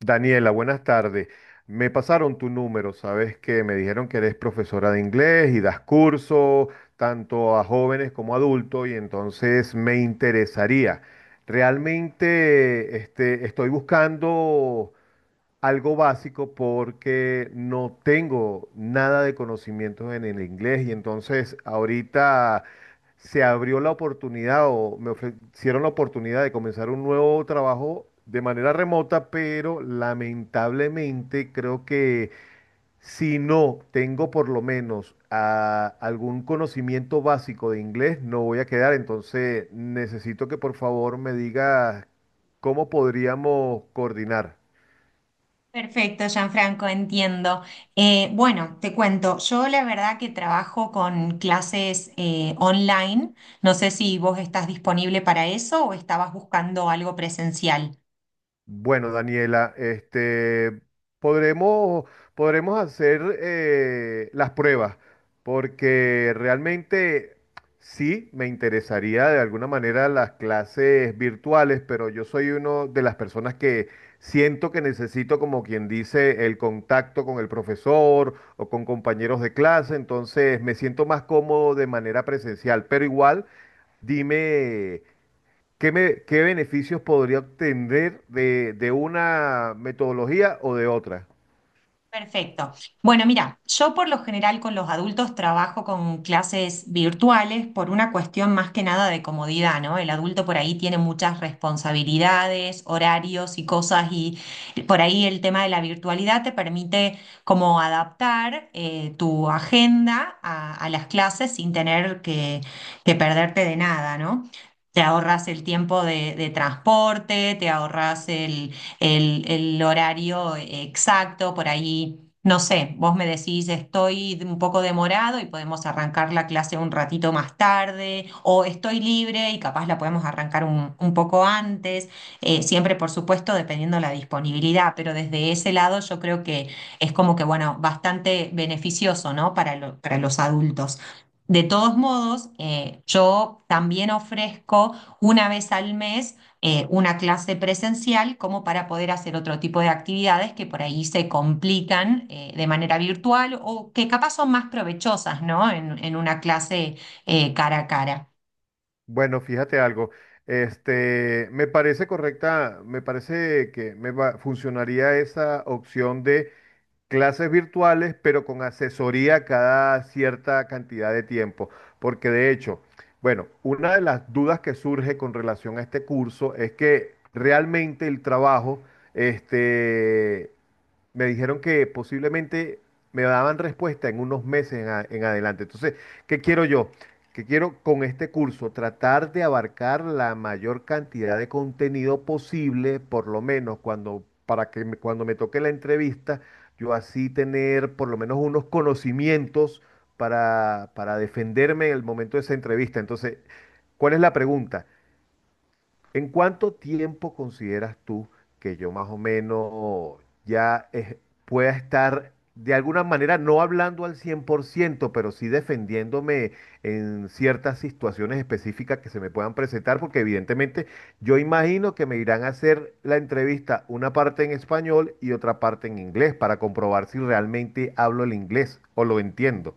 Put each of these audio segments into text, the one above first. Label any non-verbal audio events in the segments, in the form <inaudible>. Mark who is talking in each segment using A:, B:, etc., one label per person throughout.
A: Daniela, buenas tardes. Me pasaron tu número, sabes que me dijeron que eres profesora de inglés y das curso tanto a jóvenes como a adultos y entonces me interesaría. Realmente estoy buscando algo básico porque no tengo nada de conocimientos en el inglés y entonces ahorita se abrió la oportunidad o me ofrecieron la oportunidad de comenzar un nuevo trabajo de manera remota, pero lamentablemente creo que si no tengo por lo menos algún conocimiento básico de inglés, no voy a quedar. Entonces necesito que por favor me digas cómo podríamos coordinar.
B: Perfecto, Gianfranco, entiendo. Bueno, te cuento, yo la verdad que trabajo con clases online. No sé si vos estás disponible para eso o estabas buscando algo presencial.
A: Bueno, Daniela, podremos, podremos hacer las pruebas, porque realmente sí me interesaría de alguna manera las clases virtuales, pero yo soy uno de las personas que siento que necesito, como quien dice, el contacto con el profesor o con compañeros de clase, entonces me siento más cómodo de manera presencial, pero igual, dime. ¿Qué, qué beneficios podría obtener de una metodología o de otra?
B: Perfecto. Bueno, mira, yo por lo general con los adultos trabajo con clases virtuales por una cuestión más que nada de comodidad, ¿no? El adulto por ahí tiene muchas responsabilidades, horarios y cosas, y por ahí el tema de la virtualidad te permite como adaptar tu agenda a las clases sin tener que perderte de nada, ¿no? Te ahorras el tiempo de transporte, te ahorras el horario exacto, por ahí, no sé, vos me decís estoy un poco demorado y podemos arrancar la clase un ratito más tarde, o estoy libre y capaz la podemos arrancar un poco antes, siempre por supuesto dependiendo la disponibilidad, pero desde ese lado yo creo que es como que, bueno, bastante beneficioso, ¿no? Para, para los adultos. De todos modos, yo también ofrezco una vez al mes una clase presencial como para poder hacer otro tipo de actividades que por ahí se complican de manera virtual o que capaz son más provechosas, ¿no? En una clase cara a cara.
A: Bueno, fíjate algo. Me parece correcta, me parece que funcionaría esa opción de clases virtuales, pero con asesoría cada cierta cantidad de tiempo. Porque de hecho, bueno, una de las dudas que surge con relación a este curso es que realmente el trabajo, este, me dijeron que posiblemente me daban respuesta en unos meses en adelante. Entonces, ¿qué quiero yo? Que quiero con este curso tratar de abarcar la mayor cantidad de contenido posible, por lo menos para que cuando me toque la entrevista, yo así tener por lo menos unos conocimientos para defenderme en el momento de esa entrevista. Entonces, ¿cuál es la pregunta? ¿En cuánto tiempo consideras tú que yo más o menos ya pueda estar de alguna manera no hablando al 100%, pero sí defendiéndome en ciertas situaciones específicas que se me puedan presentar? Porque evidentemente yo imagino que me irán a hacer la entrevista una parte en español y otra parte en inglés para comprobar si realmente hablo el inglés o lo entiendo.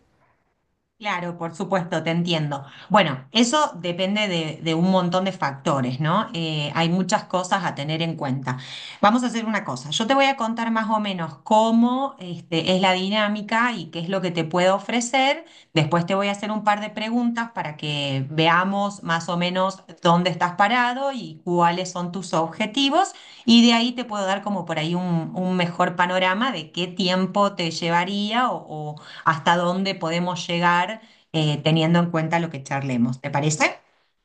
B: Claro, por supuesto, te entiendo. Bueno, eso depende de un montón de factores, ¿no? Hay muchas cosas a tener en cuenta. Vamos a hacer una cosa. Yo te voy a contar más o menos cómo, este, es la dinámica y qué es lo que te puedo ofrecer. Después te voy a hacer un par de preguntas para que veamos más o menos dónde estás parado y cuáles son tus objetivos. Y de ahí te puedo dar como por ahí un mejor panorama de qué tiempo te llevaría o hasta dónde podemos llegar teniendo en cuenta lo que charlemos. ¿Te parece?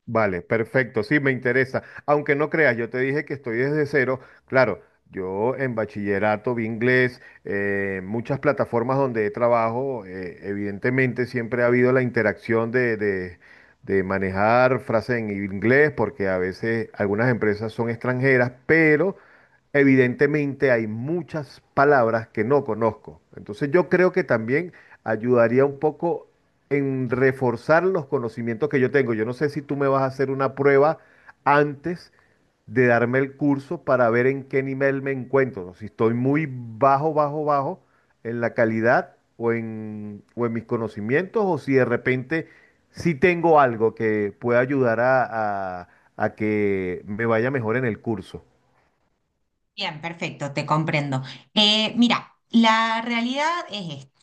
A: Vale, perfecto, sí, me interesa. Aunque no creas, yo te dije que estoy desde cero. Claro, yo en bachillerato vi inglés, muchas plataformas donde trabajo, evidentemente siempre ha habido la interacción de manejar frases en inglés, porque a veces algunas empresas son extranjeras, pero evidentemente hay muchas palabras que no conozco. Entonces yo creo que también ayudaría un poco en reforzar los conocimientos que yo tengo. Yo no sé si tú me vas a hacer una prueba antes de darme el curso para ver en qué nivel me encuentro, si estoy muy bajo en la calidad o en mis conocimientos, o si de repente sí tengo algo que pueda ayudar a que me vaya mejor en el curso.
B: Bien, perfecto, te comprendo. Mira, la realidad es esta.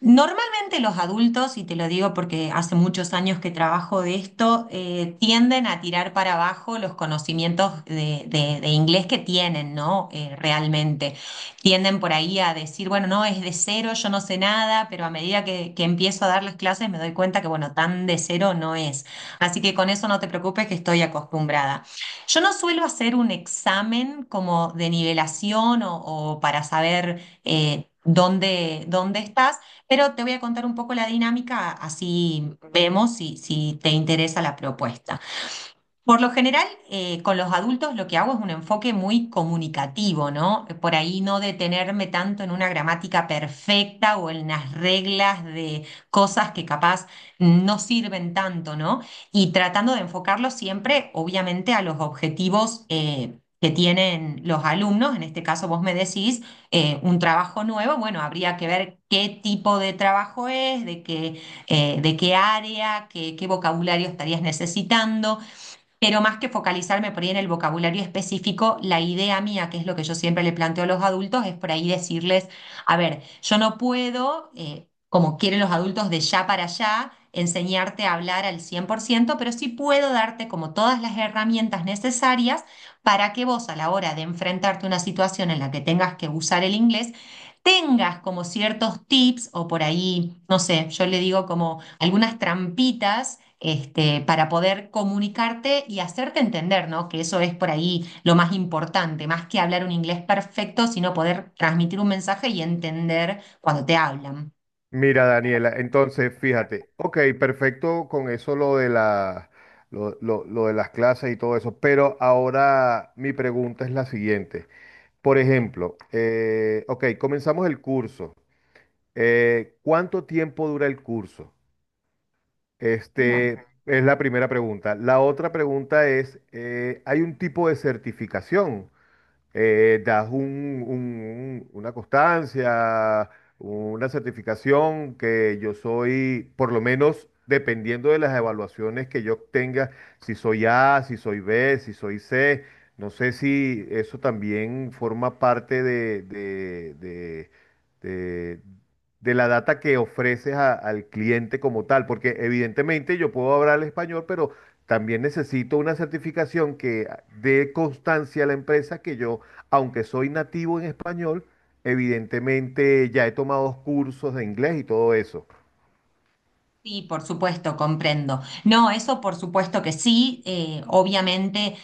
B: Normalmente los adultos, y te lo digo porque hace muchos años que trabajo de esto, tienden a tirar para abajo los conocimientos de, de inglés que tienen, ¿no? Realmente. Tienden por ahí a decir, bueno, no, es de cero, yo no sé nada, pero a medida que empiezo a dar las clases me doy cuenta que, bueno, tan de cero no es. Así que con eso no te preocupes que estoy acostumbrada. Yo no suelo hacer un examen como de nivelación o para saber, dónde, dónde estás, pero te voy a contar un poco la dinámica, así vemos si, si te interesa la propuesta. Por lo general, con los adultos lo que hago es un enfoque muy comunicativo, ¿no? Por ahí no detenerme tanto en una gramática perfecta o en las reglas de cosas que capaz no sirven tanto, ¿no? Y tratando de enfocarlo siempre, obviamente, a los objetivos que tienen los alumnos. En este caso, vos me decís un trabajo nuevo, bueno, habría que ver qué tipo de trabajo es, de qué área, qué vocabulario estarías necesitando. Pero más que focalizarme por ahí en el vocabulario específico, la idea mía, que es lo que yo siempre le planteo a los adultos, es por ahí decirles, a ver, yo no puedo, como quieren los adultos de ya para allá, enseñarte a hablar al 100%, pero sí puedo darte como todas las herramientas necesarias para que vos a la hora de enfrentarte a una situación en la que tengas que usar el inglés, tengas como ciertos tips o por ahí, no sé, yo le digo como algunas trampitas. Este, para poder comunicarte y hacerte entender, ¿no? Que eso es por ahí lo más importante, más que hablar un inglés perfecto, sino poder transmitir un mensaje y entender cuando te hablan.
A: Mira, Daniela, entonces fíjate, ok, perfecto con eso lo de lo de las clases y todo eso, pero ahora mi pregunta es la siguiente. Por ejemplo, ok, comenzamos el curso. ¿Cuánto tiempo dura el curso?
B: Bien.
A: Este es la primera pregunta. La otra pregunta es, ¿hay un tipo de certificación? Das una constancia, una certificación que yo soy, por lo menos dependiendo de las evaluaciones que yo tenga, si soy A, si soy B, si soy C, no sé si eso también forma parte de- de la data que ofreces al cliente como tal, porque evidentemente yo puedo hablar español, pero también necesito una certificación que dé constancia a la empresa que yo aunque soy nativo en español, evidentemente ya he tomado dos cursos de inglés y todo eso.
B: Sí, por supuesto, comprendo. No, eso por supuesto que sí. Obviamente,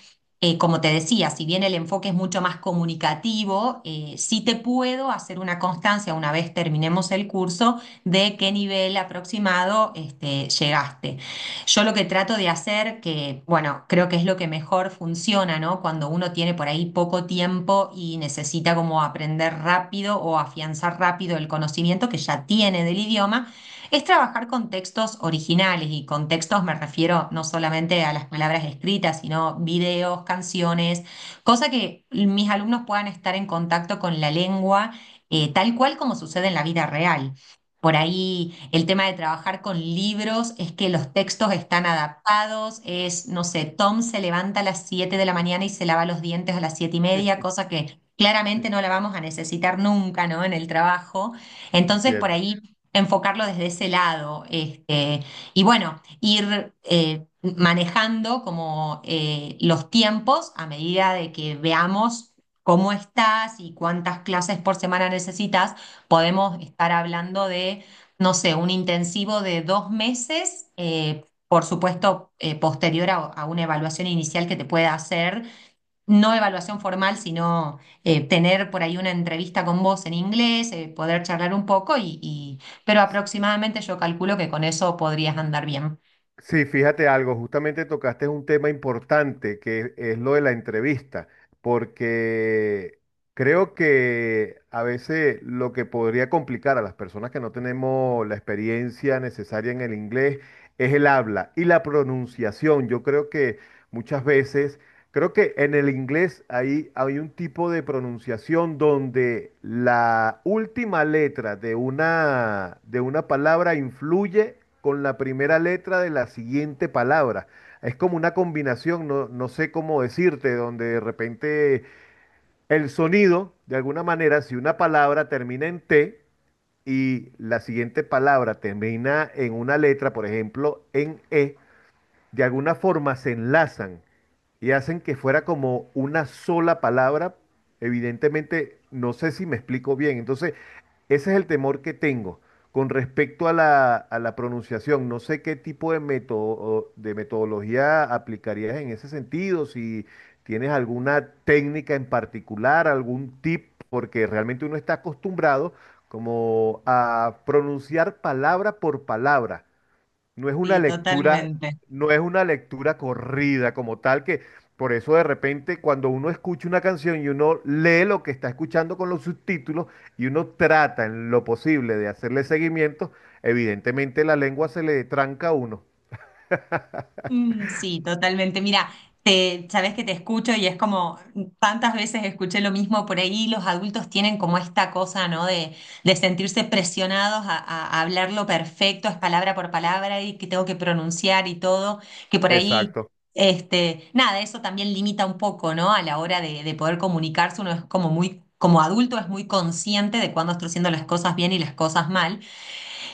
B: como te decía, si bien el enfoque es mucho más comunicativo, sí te puedo hacer una constancia una vez terminemos el curso de qué nivel aproximado este, llegaste. Yo lo que trato de hacer, que bueno, creo que es lo que mejor funciona, ¿no? Cuando uno tiene por ahí poco tiempo y necesita como aprender rápido o afianzar rápido el conocimiento que ya tiene del idioma es trabajar con textos originales, y con textos me refiero no solamente a las palabras escritas, sino videos, canciones, cosa que mis alumnos puedan estar en contacto con la lengua tal cual como sucede en la vida real. Por ahí el tema de trabajar con libros es que los textos están adaptados, es, no sé, Tom se levanta a las 7 de la mañana y se lava los dientes a las 7 y media,
A: <laughs>
B: cosa que claramente no la vamos a necesitar nunca, ¿no? En el trabajo. Entonces, por
A: Entiendo.
B: ahí enfocarlo desde ese lado. Este, y bueno, ir manejando como los tiempos a medida de que veamos cómo estás y cuántas clases por semana necesitas, podemos estar hablando de, no sé, un intensivo de dos meses. Por supuesto, posterior a una evaluación inicial que te pueda hacer, no evaluación formal, sino tener por ahí una entrevista con vos en inglés, poder charlar un poco pero aproximadamente yo calculo que con eso podrías andar bien.
A: Sí, fíjate algo, justamente tocaste un tema importante que es lo de la entrevista, porque creo que a veces lo que podría complicar a las personas que no tenemos la experiencia necesaria en el inglés es el habla y la pronunciación. Yo creo que muchas veces creo que en el inglés ahí hay un tipo de pronunciación donde la última letra de una palabra influye con la primera letra de la siguiente palabra. Es como una combinación, no, no sé cómo decirte, donde de repente el sonido, de alguna manera, si una palabra termina en T y la siguiente palabra termina en una letra, por ejemplo, en E, de alguna forma se enlazan y hacen que fuera como una sola palabra, evidentemente no sé si me explico bien. Entonces, ese es el temor que tengo. Con respecto a a la pronunciación, no sé qué tipo de método de metodología aplicarías en ese sentido, si tienes alguna técnica en particular, algún tip, porque realmente uno está acostumbrado como a pronunciar palabra por palabra. No es una
B: Sí,
A: lectura,
B: totalmente.
A: no es una lectura corrida como tal que por eso de repente cuando uno escucha una canción y uno lee lo que está escuchando con los subtítulos y uno trata en lo posible de hacerle seguimiento, evidentemente la lengua se le tranca a uno.
B: Mm, sí, totalmente. Mira, te, sabes que te escucho y es como tantas veces escuché lo mismo por ahí. Los adultos tienen como esta cosa, ¿no? De sentirse presionados a, a hablarlo perfecto, es palabra por palabra y que tengo que pronunciar y todo. Que por ahí,
A: Exacto.
B: este, nada, eso también limita un poco, ¿no? A la hora de poder comunicarse, uno es como muy, como adulto es muy consciente de cuándo está haciendo las cosas bien y las cosas mal.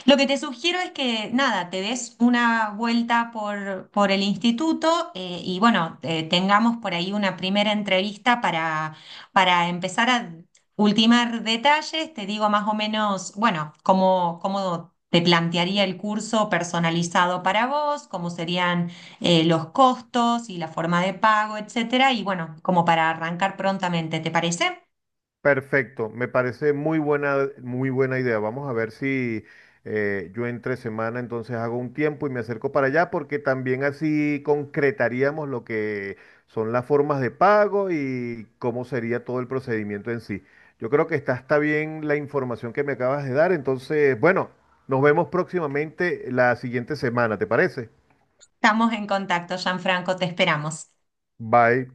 B: Lo que te sugiero es que, nada, te des una vuelta por el instituto y bueno, tengamos por ahí una primera entrevista para empezar a ultimar detalles. Te digo más o menos, bueno, cómo, cómo te plantearía el curso personalizado para vos, cómo serían los costos y la forma de pago, etcétera. Y bueno, como para arrancar prontamente, ¿te parece?
A: Perfecto, me parece muy buena idea. Vamos a ver si yo entre semana entonces hago un tiempo y me acerco para allá porque también así concretaríamos lo que son las formas de pago y cómo sería todo el procedimiento en sí. Yo creo que está bien la información que me acabas de dar, entonces, bueno, nos vemos próximamente la siguiente semana, ¿te parece?
B: Estamos en contacto, Gianfranco, te esperamos.
A: Bye.